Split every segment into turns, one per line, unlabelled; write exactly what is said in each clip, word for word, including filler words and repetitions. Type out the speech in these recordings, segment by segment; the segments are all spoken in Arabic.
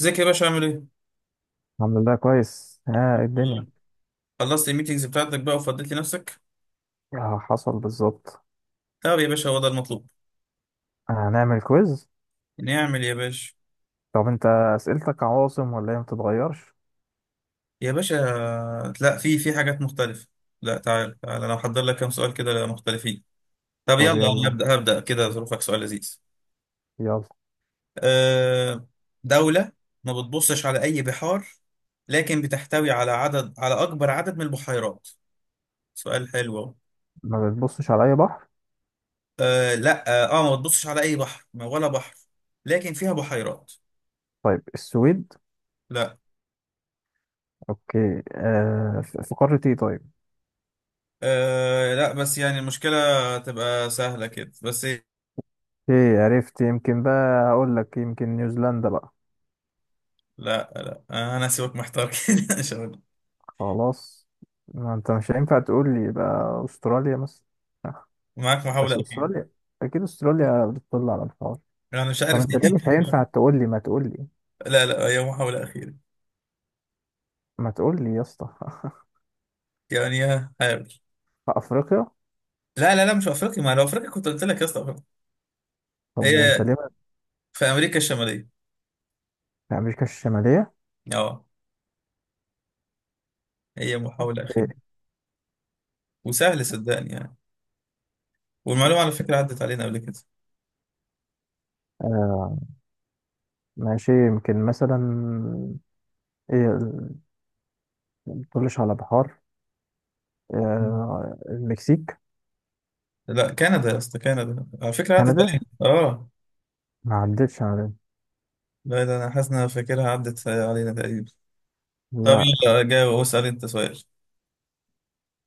ازيك يا باشا؟ عامل ايه؟
الحمد لله كويس. ها
الحمد
إيه الدنيا؟
لله. خلصت الميتينجز بتاعتك بقى وفضيت لنفسك؟
آه حصل بالظبط.
طب يا باشا هو ده المطلوب.
هنعمل كويز.
نعمل يا باشا.
طب انت اسئلتك عواصم ولا هي ما بتتغيرش؟
يا باشا، لا في في حاجات مختلفة. لا، تعال تعال انا محضر لك كام سؤال كده مختلفين. طب يلا
طب
انا
يلا
هبدأ هبدأ كده.
اسأل.
ظروفك سؤال لذيذ.
يلا
أه دولة ما بتبصش على أي بحار، لكن بتحتوي على عدد، على أكبر عدد من البحيرات. سؤال حلو أهو.
ما بتبصش على اي بحر.
أه لا اه آه، ما بتبصش على أي بحر، ما- ولا بحر، لكن فيها بحيرات.
طيب السويد.
لا.
اوكي، آه في في قارة ايه طيب؟
أه لا بس يعني المشكلة تبقى سهلة كده بس.
ايه عرفت، يمكن بقى هقول لك يمكن نيوزيلندا بقى.
لا لا آه، أنا هسيبك محتار كده إن شاء الله.
خلاص، ما انت مش هينفع تقول لي بقى استراليا مثلا. آه،
معاك محاولة
بس
أخيرة.
استراليا، اكيد استراليا بتطل على الحوار.
أنا مش
طب
عارف.
انت ليه مش هينفع تقول لي؟ ما تقول لي،
لا لا، هي محاولة أخيرة.
ما تقول لي يا اسطى
يعني ها، حاول.
في افريقيا؟
لا لا لا، مش في أفريقيا، ما لو أفريقيا كنت قلت لك يا اسطى أفريقيا.
طب وانت
هي
ليه ما-
في أمريكا الشمالية.
في امريكا الشماليه؟
أه، هي
طب
محاولة أخيرة.
إيه؟
وسهل صدقني يعني. والمعلومة على فكرة عدت علينا قبل كده.
آه ماشي، يمكن مثلا ايه ال- ما تقولش على بحار. آه المكسيك.
لا، كندا يا اسطى، كندا على فكرة عدت
كندا
علينا. أه
ما عدتش على،
لا، ده أنا حاسس إن أنا فاكرها عدت علينا تقريبا. طب
لا.
يلا جاوب واسأل أنت سؤال.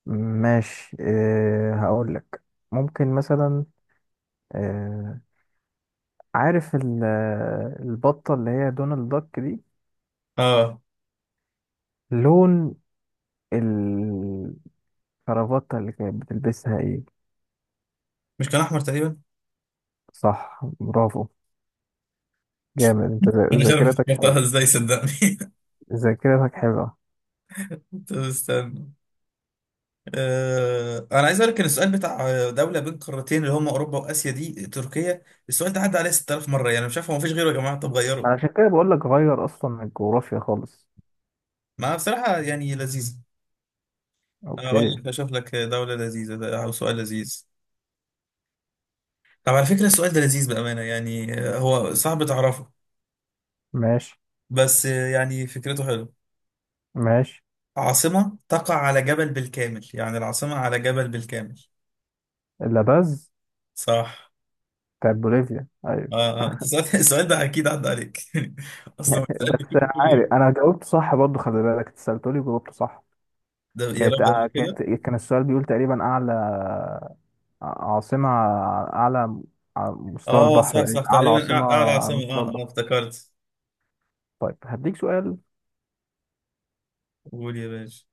ماشي، إيه هقول لك، ممكن مثلا، آه، عارف ال- البطه اللي هي دونالد داك دي،
اه،
لون الكرافته اللي كانت بتلبسها ايه؟
مش كان احمر تقريبا؟
صح، برافو، جامد انت، ذا-
انا مش عارف
ذاكرتك
افتكرتها
حلوة،
ازاي صدقني.
ذاكرتك حلوة.
طب استنى. آه، انا عايز اقول لك ان السؤال بتاع دوله بين قارتين اللي هم اوروبا واسيا دي تركيا، السؤال ده عدى عليه ست تلاف مره، يعني مش عارف، هو مفيش غيره يا جماعه؟ طب
ما
غيره.
عشان كده بقول لك غير، اصلا من الجغرافيا خالص.
ما بصراحه يعني لذيذ. اقول
اوكي.
لك اشوف لك دوله لذيذه، ده او سؤال لذيذ. طب على فكره السؤال ده لذيذ بامانه، يعني آه، هو صعب تعرفه
ماشي
بس، آه، يعني فكرته حلوه.
ماشي.
عاصمه تقع على جبل بالكامل، يعني العاصمه على جبل بالكامل.
لاباز،
صح.
بتاعت بوليفيا ايوه
اه اه، انت سألت السؤال ده اكيد عدى عليك. اصلا السؤال
بس انا
بتجيبه كل يوم.
عارف انا جاوبت صح برضو، خلي بالك، انت سألتولي وجاوبت صح.
ده يا
كانت
رب
آه،
قبل كده.
كانت، كان السؤال بيقول تقريبا اعلى آه، عاصمة، آه، اعلى على مستوى
اه
البحر
صح صح،
تقريبا، اعلى
تقريبا
عاصمة
أع- اعلى
على
عاصمة.
مستوى
اه اه
البحر.
افتكرت.
طيب هديك سؤال،
قول يا باشا.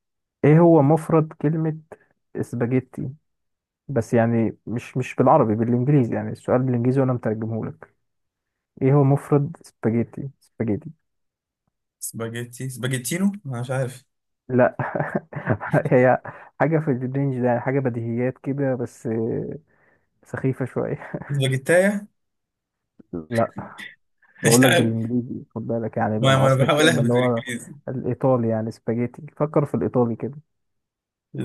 ايه هو مفرد كلمة اسباجيتي؟ بس يعني مش مش بالعربي، بالانجليزي، يعني السؤال بالانجليزي وانا مترجمه لك. ايه هو مفرد سباجيتي؟ سباجيتي؟
سباجيتي، سباجيتينو، انا مش عارف.
لا هي حاجه في الرينج ده، يعني حاجه بديهيات كده بس سخيفه شويه.
سباجيتايا.
لا،
مش
بقول لك
عارف.
بالانجليزي، خد بالك يعني بقى
ما, ما انا
اصل
بحاول
الكلمه
اهبط
اللي هو
بالانجليزي.
الايطالي يعني، سباجيتي، فكر في الايطالي كده.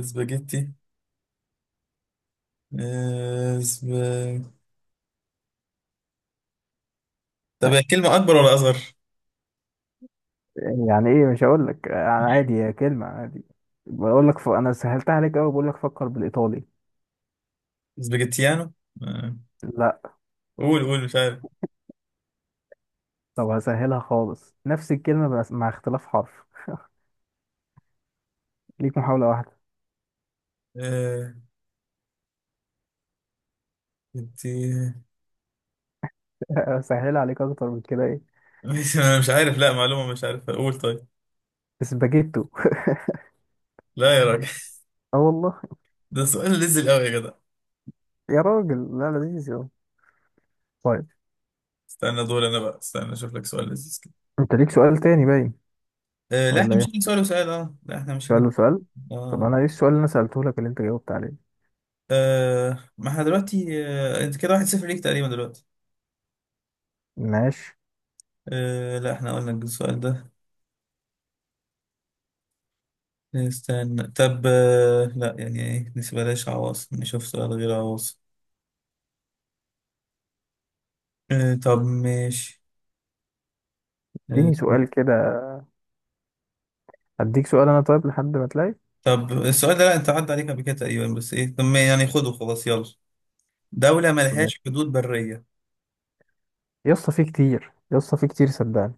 سباجيتي. آه، سب... طب هي كلمة اكبر ولا اصغر؟
يعني ايه؟ مش هقول لك يعني، عادي، هي كلمه عادي. بقول لك ف... انا سهلتها عليك قوي، بقول لك فكر بالايطالي.
سباجيتيانو. آه.
لا.
قول قول، مش عارف.
طب هسهلها خالص، نفس الكلمه بس مع اختلاف حرف، ليك محاولة واحدة.
آه. انت!
سهل عليك أكتر من كده إيه؟
مش، أنا مش عارف لا معلومة، مش عارف، قول طيب.
اسباجيتو
لا يا راجل.
اه والله.
ده سؤال نزل قوي يا جدع.
يا راجل لا، لذيذ يا طيب.
استنى دول، انا بقى استنى اشوف لك سؤال لذيذ كده.
أنت ليك سؤال تاني باين
آه لا، احنا
ولا
مشينا
إيه؟
سؤال وسؤال، اه لا احنا مشينا.
سؤال وسؤال. طب
اه.
أنا إيه السؤال اللي أنا سألته لك اللي أنت جاوبت عليه؟
آه، ما احنا دلوقتي، آه انت كده واحد صفر ليك تقريبا دلوقتي.
ماشي.
آه لا، احنا قلنا السؤال ده. استنى طب، آه لا يعني ايه، بلاش عواصم، نشوف سؤال غير عواصم. آه طب ماشي. آه
اديني سؤال كده، هديك سؤال أنا طيب لحد ما تلاقي.
طب السؤال ده، لا انت عدى عليك قبل كده تقريبا بس، ايه طب ما يعني خده خلاص يلا. دولة
ماشي
ملهاش حدود برية.
يا اسطى، في كتير يا اسطى، في كتير صدقني،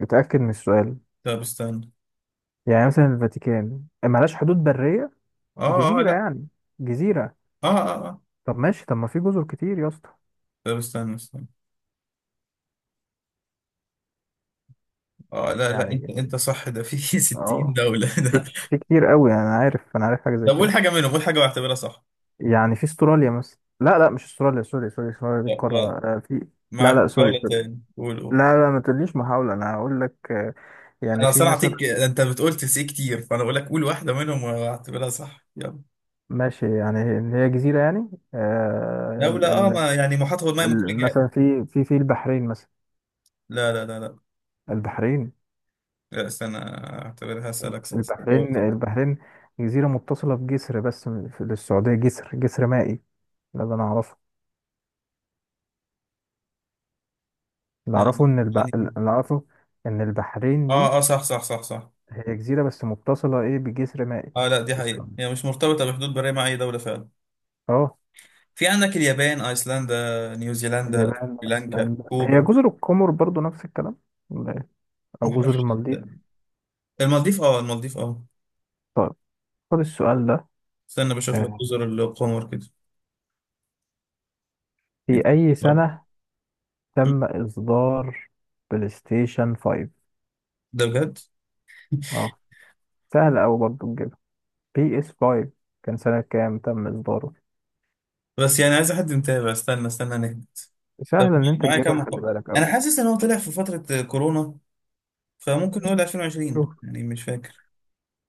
اتأكد من السؤال.
طب استنى.
يعني مثلا الفاتيكان ملهاش حدود برية،
اه اه
جزيرة
لا.
يعني، جزيرة.
اه اه اه.
طب ماشي، طب ما في جزر كتير يا اسطى،
طب استنى استنى. اه لا لا،
يعني
انت انت صح، ده في ستين
اه
دولة ده.
في في كتير قوي، يعني انا عارف، انا عارف حاجه زي
طب قول
كده.
حاجة منهم، قول حاجة بعتبرها صح.
يعني في استراليا مثلا، لا لا مش استراليا، سوري سوري، استراليا دي
لا،
القاره،
غلط.
آه، في. لا
معاك
لا سوري
دولة
سوري.
تاني، قول قول.
لا لا ما تقوليش محاوله، انا هقول لك، آه، يعني
انا اصل
في
أنا
مثلا،
هعطيك، انت بتقول تسي كتير، فانا بقول لك قول واحدة منهم واعتبرها صح يلا.
ماشي، يعني اللي هي جزيره يعني، آه، ال-
دولة، اه
ال-
ما يعني محاط هو الماء من كل
ال-
جهة.
مثلا في في في البحرين مثلا،
لا لا لا لا.
البحرين،
لا استنى، اعتبرها اسألك سؤال
البحرين.
سؤال.
البحرين جزيره متصله بجسر، بس في للسعوديه جسر، جسر مائي، ده اللي انا اعرفه. اللي
لا
اعرفه ان الب...
يعني.
اللي اعرفه ان البحرين دي
اه اه صح صح صح صح.
هي جزيرة بس متصلة إيه بجسر مائي.
اه لا، دي حقيقة
اسطنبول.
هي مش مرتبطة بحدود برية مع اي دولة فعلا.
أه،
في عندك اليابان، ايسلندا، نيوزيلندا،
اليابان
سريلانكا،
وأيسلندا هي
كوبا.
جزر القمر برضو نفس الكلام ولا إيه؟
ما
أو جزر
اعرفش.
المالديف.
المالديف اه، المالديف اه.
طيب خد السؤال ده،
استنى بشوف لك
آه،
جزر القمر كده.
في أي
نتقابل.
سنة تم إصدار بلاي ستيشن خمسة؟
ده بجد؟
أه سهل أوي برضو تجيبها، بي إس خمسة كان سنة كام تم إصداره؟
بس يعني عايز حد متابع. استنى استنى نهدى. طب
سهل إن أنت
معايا كام
تجيبها، خلي
محاولة؟
بالك
انا
أوي.
حاسس ان هو طلع في فترة كورونا، فممكن نقول ألفين وعشرين
شوف.
يعني، مش فاكر.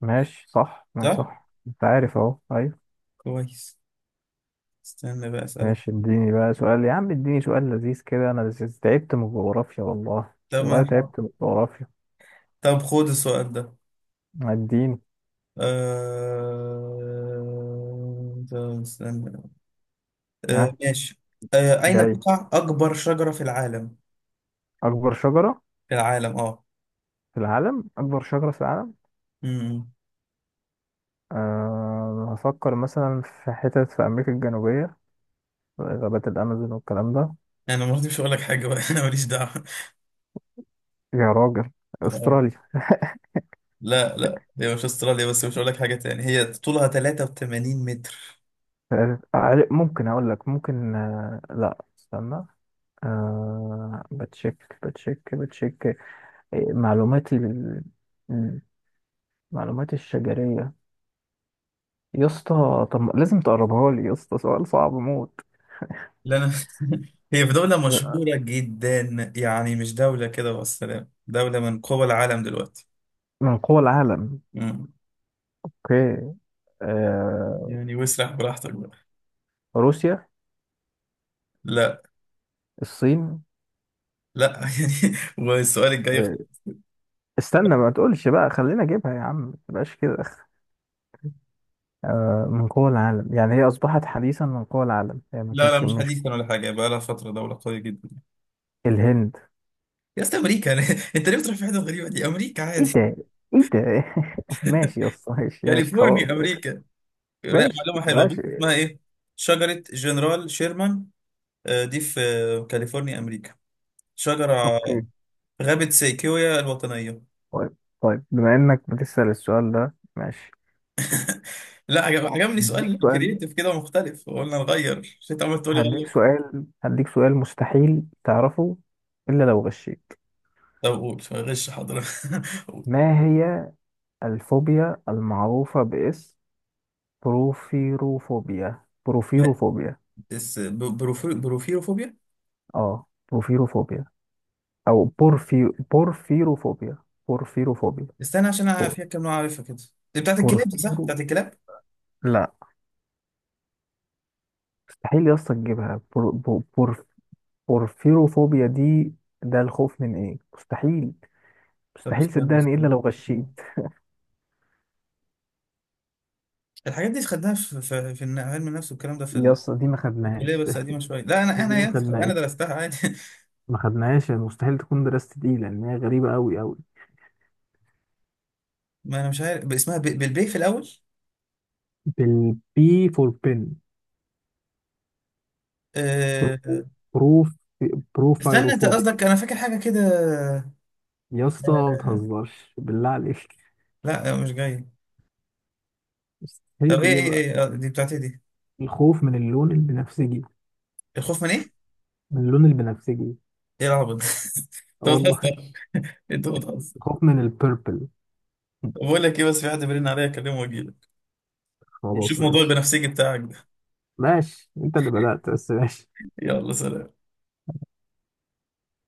ماشي صح، ماشي
صح.
صح، أنت عارف أهو، أيوة.
كويس. استنى بقى اسألك.
ماشي، اديني بقى سؤال يا عم، اديني سؤال لذيذ كده، انا لذيذ. تعبت من الجغرافيا والله،
طب ما
والله
نحاول.
تعبت من الجغرافيا.
طب خد السؤال ده.
اديني.
أه... طب استنى. أه...
ها
ماشي. أه... أين
جاي.
تقع أكبر شجرة في العالم؟
اكبر شجرة
في العالم.
في العالم. اكبر شجرة في العالم.
اه.
أه هفكر مثلا في حتت في امريكا الجنوبية، غابات الامازون والكلام ده.
انا برضه مش هقول لك حاجه بقى، انا ماليش دعوه.
يا راجل.
اه
استراليا.
لا لا، هي مش استراليا، بس مش هقول لك حاجه تاني. هي طولها تلاتة وتمانين متر.
آه، آه، ممكن اقول لك ممكن، آه، لا استنى. أه بتشيك بتشيك بتشيك. إيه، معلوماتي لل- معلوماتي الشجرية. يا اسطى طب ما- لازم تقربها لي يا اسطى، سؤال صعب موت.
لا انا. هي في دوله مشهوره جدا، يعني مش دوله كده والسلام، دوله من قوى العالم دلوقتي.
من قوى العالم.
مم.
اوكي. آه...
يعني واسرح براحتك بقى.
روسيا.
لا.
الصين.
لا. يعني والسؤال الجاي.
آه... استنى ما تقولش بقى، خلينا اجيبها يا عم، ما تبقاش كده. آه... من قوى العالم يعني، هي اصبحت حديثا من قوى العالم، هي ما
لا لا،
كانتش
مش
مش.
حديثا ولا حاجه، بقى لها فتره دوله قويه جدا.
الهند.
يا اسطى امريكا، انت ليه بتروح في حته غريبه دي؟ امريكا
ايه
عادي.
ده، ايه ده ماشي يا اسطى، ماشي ماشي خلاص.
كاليفورنيا، امريكا. لا،
ماشي
معلومة حلوة، بص
ماشي.
اسمها ايه. شجرة جنرال شيرمان، آه، دي في آه، كاليفورنيا، أمريكا. شجرة
اوكي.
في غابة سيكويا الوطنية.
طيب طيب، بما انك بتسأل السؤال ده ماشي.
لا عجب، عجبني
هديك
سؤال
سؤال،
كرييتيف كده ومختلف، قلنا نغير، مش انت عمال تقول لي
هديك
غير.
سؤال، هديك سؤال مستحيل تعرفه إلا لو غشيت.
طب قول غش، حاضر. قول.
ما هي الفوبيا المعروفة باسم بروفيروفوبيا؟
ما-
بروفيروفوبيا.
بس ب- بروفي- بروفيروفوبيا.
اه بروفيروفوبيا، أو بورفي، بورفيروفوبيا، بورفيروفوبيا.
استنى عشان انا
بور...
فيها كام نوع، عارفها كده. دي بتاعت الكلاب دي، صح؟
بورفيرو.
بتاعت الكلاب.
لا، مستحيل يا اسطى تجيبها. بور... بور... بور- بورفيروفوبيا دي ده الخوف من ايه؟ مستحيل،
طب
مستحيل
استنى
صدقني إلا
استنى.
لو غشيت.
الحاجات دي خدناها في في, في الن- علم النفس والكلام ده في
يا
ال-
اسطى دي ما
في الكليه
خدناهاش
بس قديمه شويه. لا انا
دي
انا
ما
يا أخي، انا
خدناهاش،
درستها عادي.
ما خدناهاش يعني، مستحيل تكون دراسة دي لأن هي غريبة أوي أوي.
ما انا مش عارف ب- اسمها ب- بالبي في الاول.
بالبي فور بن. برو
أه...
بروف
استنى، انت
بروفايروفوبيا.
قصدك انا فاكر حاجه كده.
يا اسطى ما
أه...
تهزرش بالله عليك،
لا مش جاي. طب
مستحيل
ايه ايه
تجيبها.
ايه، آه، دي بتاعت ايه دي؟
الخوف من اللون البنفسجي.
الخوف من ايه؟
من اللون البنفسجي.
ايه العبط ده؟
اه
انت
والله.
بتهزر. انت بتهزر.
الخوف من البيربل.
طب بقول لك ايه، بس في حد بيرن عليا اكلمه واجيلك
خلاص
ونشوف موضوع
ماشي.
البنفسجي بتاعك ده.
ماشي انت اللي بدأت بس ماشي.
يلا، سلام.